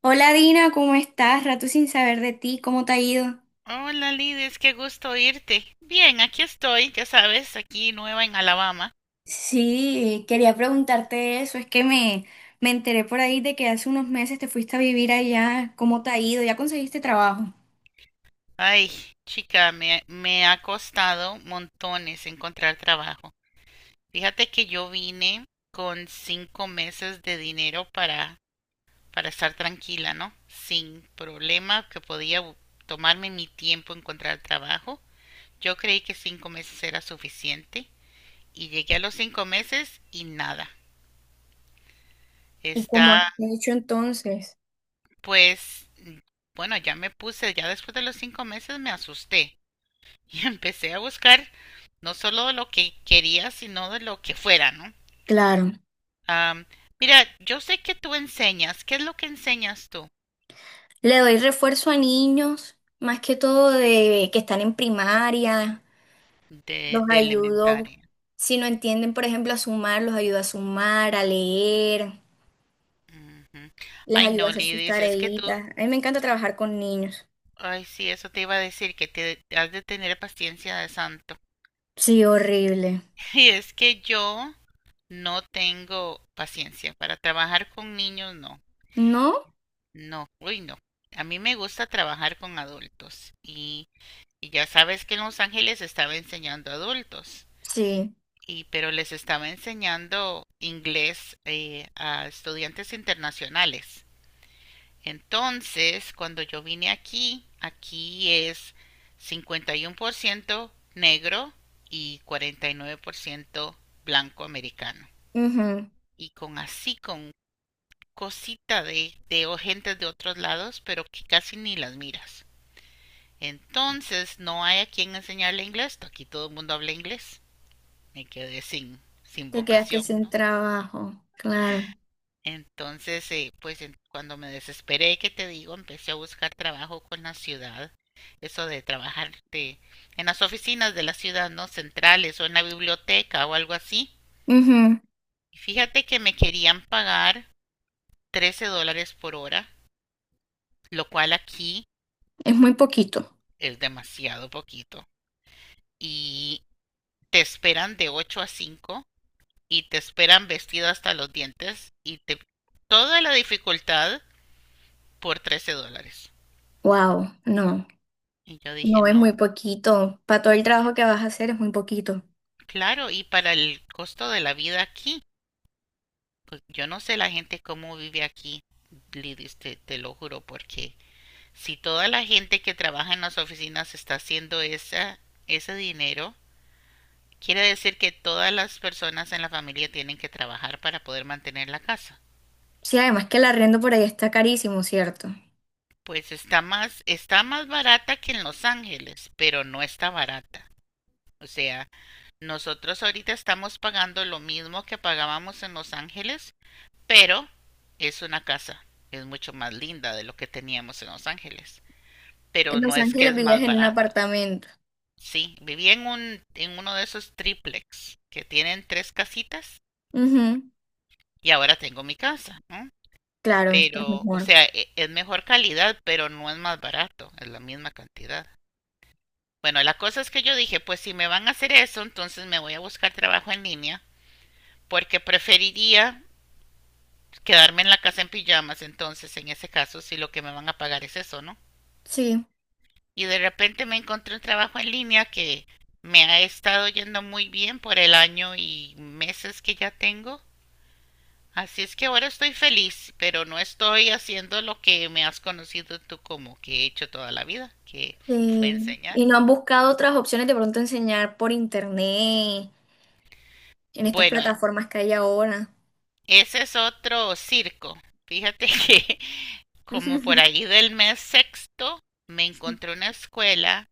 Hola Dina, ¿cómo estás? Rato sin saber de ti, ¿cómo te ha ido? Hola Lidis, qué gusto oírte. Bien, aquí estoy, ya sabes, aquí nueva en Alabama. Sí, quería preguntarte eso, me enteré por ahí de que hace unos meses te fuiste a vivir allá, ¿cómo te ha ido? ¿Ya conseguiste trabajo? Ay, chica, me ha costado montones encontrar trabajo. Fíjate que yo vine con 5 meses de dinero para estar tranquila, ¿no? Sin problema, que podía tomarme mi tiempo encontrar trabajo. Yo creí que 5 meses era suficiente y llegué a los 5 meses y nada. ¿Y cómo has Está. hecho entonces? Pues, bueno, ya me puse, ya después de los 5 meses me asusté y empecé a buscar no solo de lo que quería, sino de lo que fuera, ¿no? Claro, Am, mira, yo sé que tú enseñas. ¿Qué es lo que enseñas tú le doy refuerzo a niños, más que todo de que están en primaria, los de ayudo, elementaria? si no entienden, por ejemplo, a sumar, los ayudo a sumar, a leer, Ujú. les Ay, ayudo a no, hacer sus Lidis, es que tú, tareitas. A mí me encanta trabajar con niños. ay, sí, eso te iba a decir, que te has de tener paciencia de santo. Sí, horrible. Y es que yo no tengo paciencia para trabajar con niños, no. ¿No? No, uy, no. A mí me gusta trabajar con adultos y ya sabes que en Los Ángeles estaba enseñando adultos Sí. y pero les estaba enseñando inglés a estudiantes internacionales. Entonces, cuando yo vine aquí, aquí es 51% negro y 49% blanco americano. Ujú. Y con así, con cosita de gente de otros lados, pero que casi ni las miras. Entonces no hay a quien enseñarle inglés. Aquí todo el mundo habla inglés. Me quedé sin Te quedaste vocación, sin ¿no? trabajo. Claro. Entonces, pues cuando me desesperé, que te digo, empecé a buscar trabajo con la ciudad. Eso de trabajar en las oficinas de la ciudad, ¿no? Centrales, o en la biblioteca o algo así. Ujú. Y fíjate que me querían pagar $13 por hora, lo cual aquí Es muy poquito. es demasiado poquito. Y te esperan de 8 a cinco, y te esperan vestido hasta los dientes y te toda la dificultad por 13 dólares. Wow. No. Y yo dije, No es muy no, poquito. Para todo el es trabajo que vas a hacer es muy poquito. claro, y para el costo de la vida aquí, pues yo no sé la gente cómo vive aquí, Lidis, te lo juro, porque si toda la gente que trabaja en las oficinas está haciendo ese dinero, quiere decir que todas las personas en la familia tienen que trabajar para poder mantener la casa. Sí, además que el arriendo por ahí está carísimo, ¿cierto? Pues está más barata que en Los Ángeles, pero no está barata. O sea, nosotros ahorita estamos pagando lo mismo que pagábamos en Los Ángeles, pero es una casa, es mucho más linda de lo que teníamos en Los Ángeles. En Pero no Los es que Ángeles es vivías más en un barato. apartamento. Sí, viví en uno de esos triplex que tienen tres casitas Ujú. y ahora tengo mi casa, ¿no? Claro, está Pero, o mejor. sea, es mejor calidad, pero no es más barato, es la misma cantidad. Bueno, la cosa es que yo dije, pues si me van a hacer eso, entonces me voy a buscar trabajo en línea, porque preferiría quedarme en la casa en pijamas, entonces en ese caso, si lo que me van a pagar es eso, ¿no? Sí. Y de repente me encontré un trabajo en línea que me ha estado yendo muy bien por el año y meses que ya tengo. Así es que ahora estoy feliz, pero no estoy haciendo lo que me has conocido tú como que he hecho toda la vida, que fue Sí. Y enseñar. no han buscado otras opciones de pronto enseñar por internet, en estas Bueno, plataformas que hay ahora. ese es otro circo. Fíjate que como por ahí del mes sexto me encontré una escuela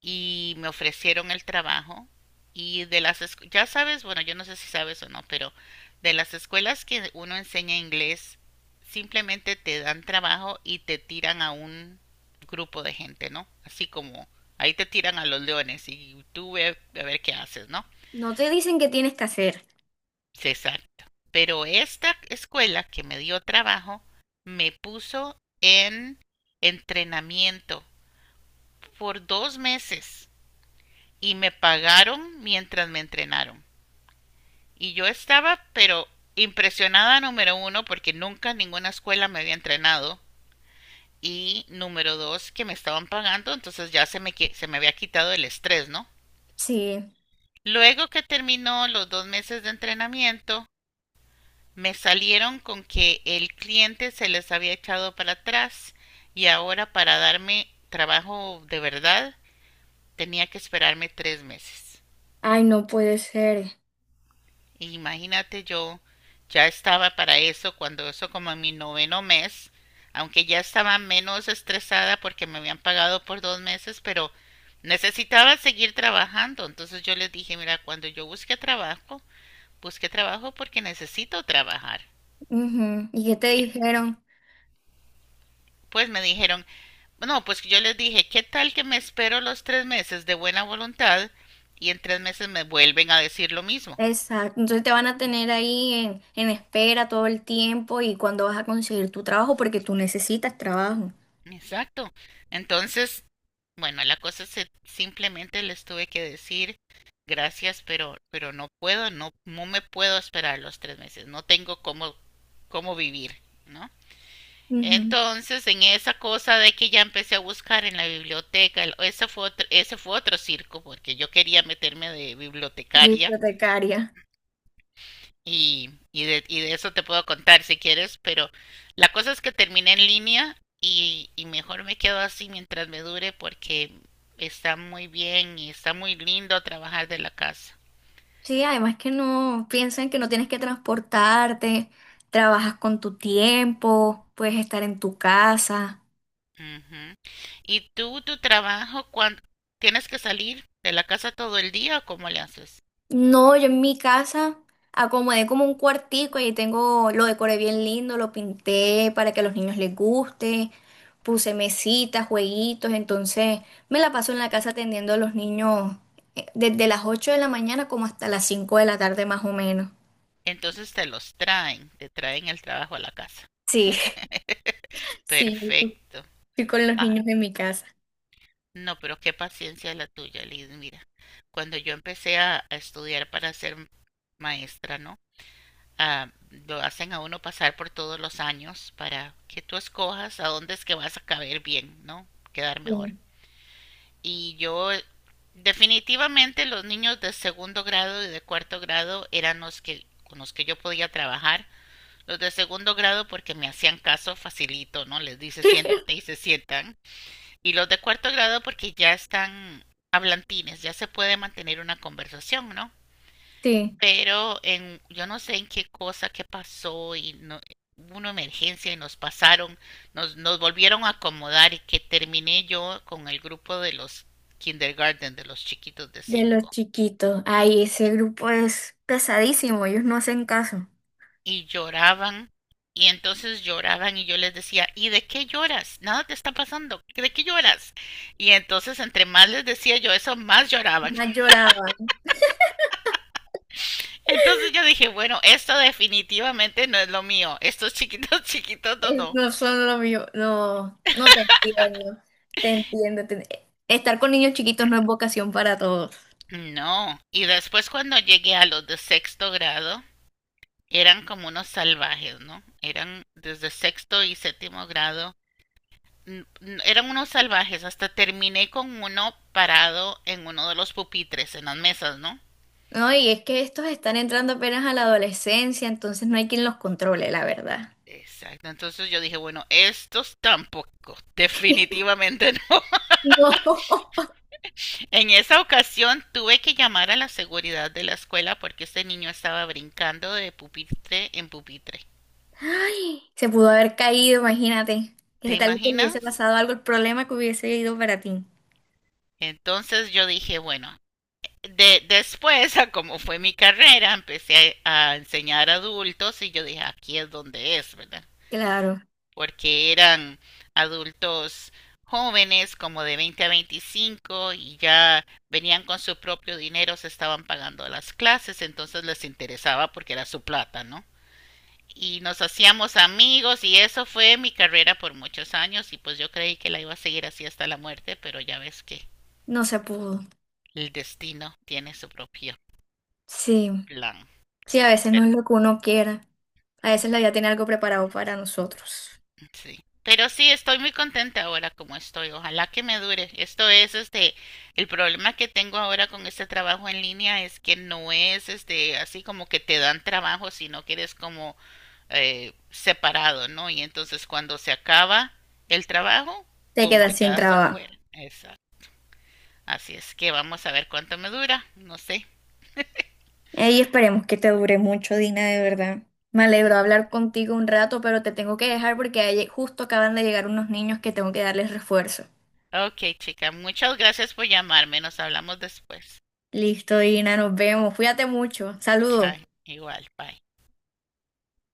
y me ofrecieron el trabajo y de las ya sabes, bueno, yo no sé si sabes o no, pero de las escuelas que uno enseña inglés simplemente te dan trabajo y te tiran a un grupo de gente, ¿no? Así como ahí te tiran a los leones y tú ve a ver qué haces, ¿no? No te dicen qué tienes que hacer. Sí, exacto. Pero esta escuela que me dio trabajo me puso en entrenamiento por 2 meses y me pagaron mientras me entrenaron. Y yo estaba, pero impresionada, número uno porque nunca ninguna escuela me había entrenado, y número dos, que me estaban pagando, entonces ya se me, se me había quitado el estrés, ¿no? Sí. Luego que terminó los 2 meses de entrenamiento, me salieron con que el cliente se les había echado para atrás y ahora para darme trabajo de verdad tenía que esperarme 3 meses. Ay, no puede ser. Imagínate, yo ya estaba para eso cuando eso como en mi noveno mes, aunque ya estaba menos estresada porque me habían pagado por 2 meses, pero necesitaba seguir trabajando. Entonces yo les dije, mira, cuando yo busque trabajo porque necesito trabajar. Ujú. ¿Y qué te dijeron? Pues me dijeron, no, pues yo les dije, ¿qué tal que me espero los 3 meses de buena voluntad y en 3 meses me vuelven a decir lo mismo? Exacto. Entonces te van a tener ahí en espera todo el tiempo y cuando vas a conseguir tu trabajo porque tú necesitas trabajo. Exacto. Entonces, bueno, la cosa es simplemente les tuve que decir gracias, pero no puedo, no, no me puedo esperar los 3 meses, no tengo cómo, cómo vivir, ¿no? Ujú. Entonces, en esa cosa de que ya empecé a buscar en la biblioteca, ese fue otro circo, porque yo quería meterme de bibliotecaria. Bibliotecaria. Y de eso te puedo contar si quieres, pero la cosa es que terminé en línea y mejor me quedo así mientras me dure, porque está muy bien y está muy lindo trabajar de la casa. Sí, además que no piensan que no tienes que transportarte, trabajas con tu tiempo, puedes estar en tu casa. Ujú. ¿Y tú, tu trabajo, cuando tienes que salir de la casa todo el día o cómo le haces? No, yo en mi casa acomodé como un cuartico y tengo, lo decoré bien lindo, lo pinté para que a los niños les guste, puse mesitas, jueguitos, entonces me la paso en la casa atendiendo a los niños desde las 8 de la mañana como hasta las 5 de la tarde más o menos. Entonces te los traen, te traen el trabajo a la casa. Sí, sí, Perfecto. estoy con los niños Ay, en mi casa. no, pero qué paciencia la tuya, Liz. Mira, cuando yo empecé a estudiar para ser maestra, ¿no? Ah, lo hacen a uno pasar por todos los años para que tú escojas a dónde es que vas a caber bien, ¿no? Quedar mejor. Sí. Y yo, definitivamente, los niños de segundo grado y de cuarto grado eran los que con los que yo podía trabajar. Los de segundo grado porque me hacían caso facilito, ¿no? Les dice siéntate y se sientan. Y los de cuarto grado porque ya están hablantines, ya se puede mantener una conversación, ¿no? Sí, Pero en, yo no sé en qué cosa, qué pasó y no, hubo una emergencia y nos volvieron a acomodar y que terminé yo con el grupo de los kindergarten, de los chiquitos de de los cinco. chiquitos. Ay, ese grupo es pesadísimo, ellos no hacen caso. Y lloraban, y entonces lloraban y yo les decía, ¿y de qué lloras? Nada te está pasando, ¿de qué lloras? Y entonces entre más les decía yo eso, más lloraban. Más lloraba. Entonces yo dije, bueno, esto definitivamente no es lo mío. Estos chiquitos, chiquitos, no, Es- no. No son lo mío, no, no te entiendo, te entiendo. Te- Estar con niños chiquitos no es vocación para todos, No. Y después cuando llegué a los de sexto grado, eran como unos salvajes, ¿no? Eran desde sexto y séptimo grado. Eran unos salvajes. Hasta terminé con uno parado en uno de los pupitres, en las mesas, ¿no? ¿no? Y es que estos están entrando apenas a la adolescencia, entonces no hay quien los controle, la verdad. Exacto. Entonces yo dije, bueno, estos tampoco. Definitivamente no. No. En esa ocasión tuve que llamar a la seguridad de la escuela porque este niño estaba brincando de pupitre en pupitre. Ay, se pudo haber caído, imagínate. ¿Te Que tal vez te hubiese imaginas? pasado algo, el problema que hubiese ido para ti. Entonces yo dije, bueno, de, después, a como fue mi carrera, empecé a enseñar adultos y yo dije, aquí es donde es, ¿verdad? Claro, Porque eran adultos jóvenes como de 20 a 25 y ya venían con su propio dinero, se estaban pagando las clases, entonces les interesaba porque era su plata, ¿no? Y nos hacíamos amigos y eso fue mi carrera por muchos años y pues yo creí que la iba a seguir así hasta la muerte, pero ya ves que no se pudo. el destino tiene su propio Sí, plan. sí, a veces no Pero es lo que uno quiera. A veces la vida tiene algo preparado para nosotros. sí. Pero sí, estoy muy contenta ahora como estoy. Ojalá que me dure. Esto es, este, el problema que tengo ahora con este trabajo en línea es que no es, este, así como que te dan trabajo, sino que eres como separado, ¿no? Y entonces cuando se acaba el trabajo, Te pum, te quedas sin quedas trabajo. afuera. Exacto. Así es que vamos a ver cuánto me dura. No sé. Ey, esperemos que te dure mucho, Dina, de verdad. Me alegro hablar contigo un rato, pero te tengo que dejar porque ahí justo acaban de llegar unos niños que tengo que darles refuerzo. Ok, chica, muchas gracias por llamarme. Nos hablamos después. Listo, Dina, nos vemos. Cuídate mucho. Saludos. Chao. Igual, bye.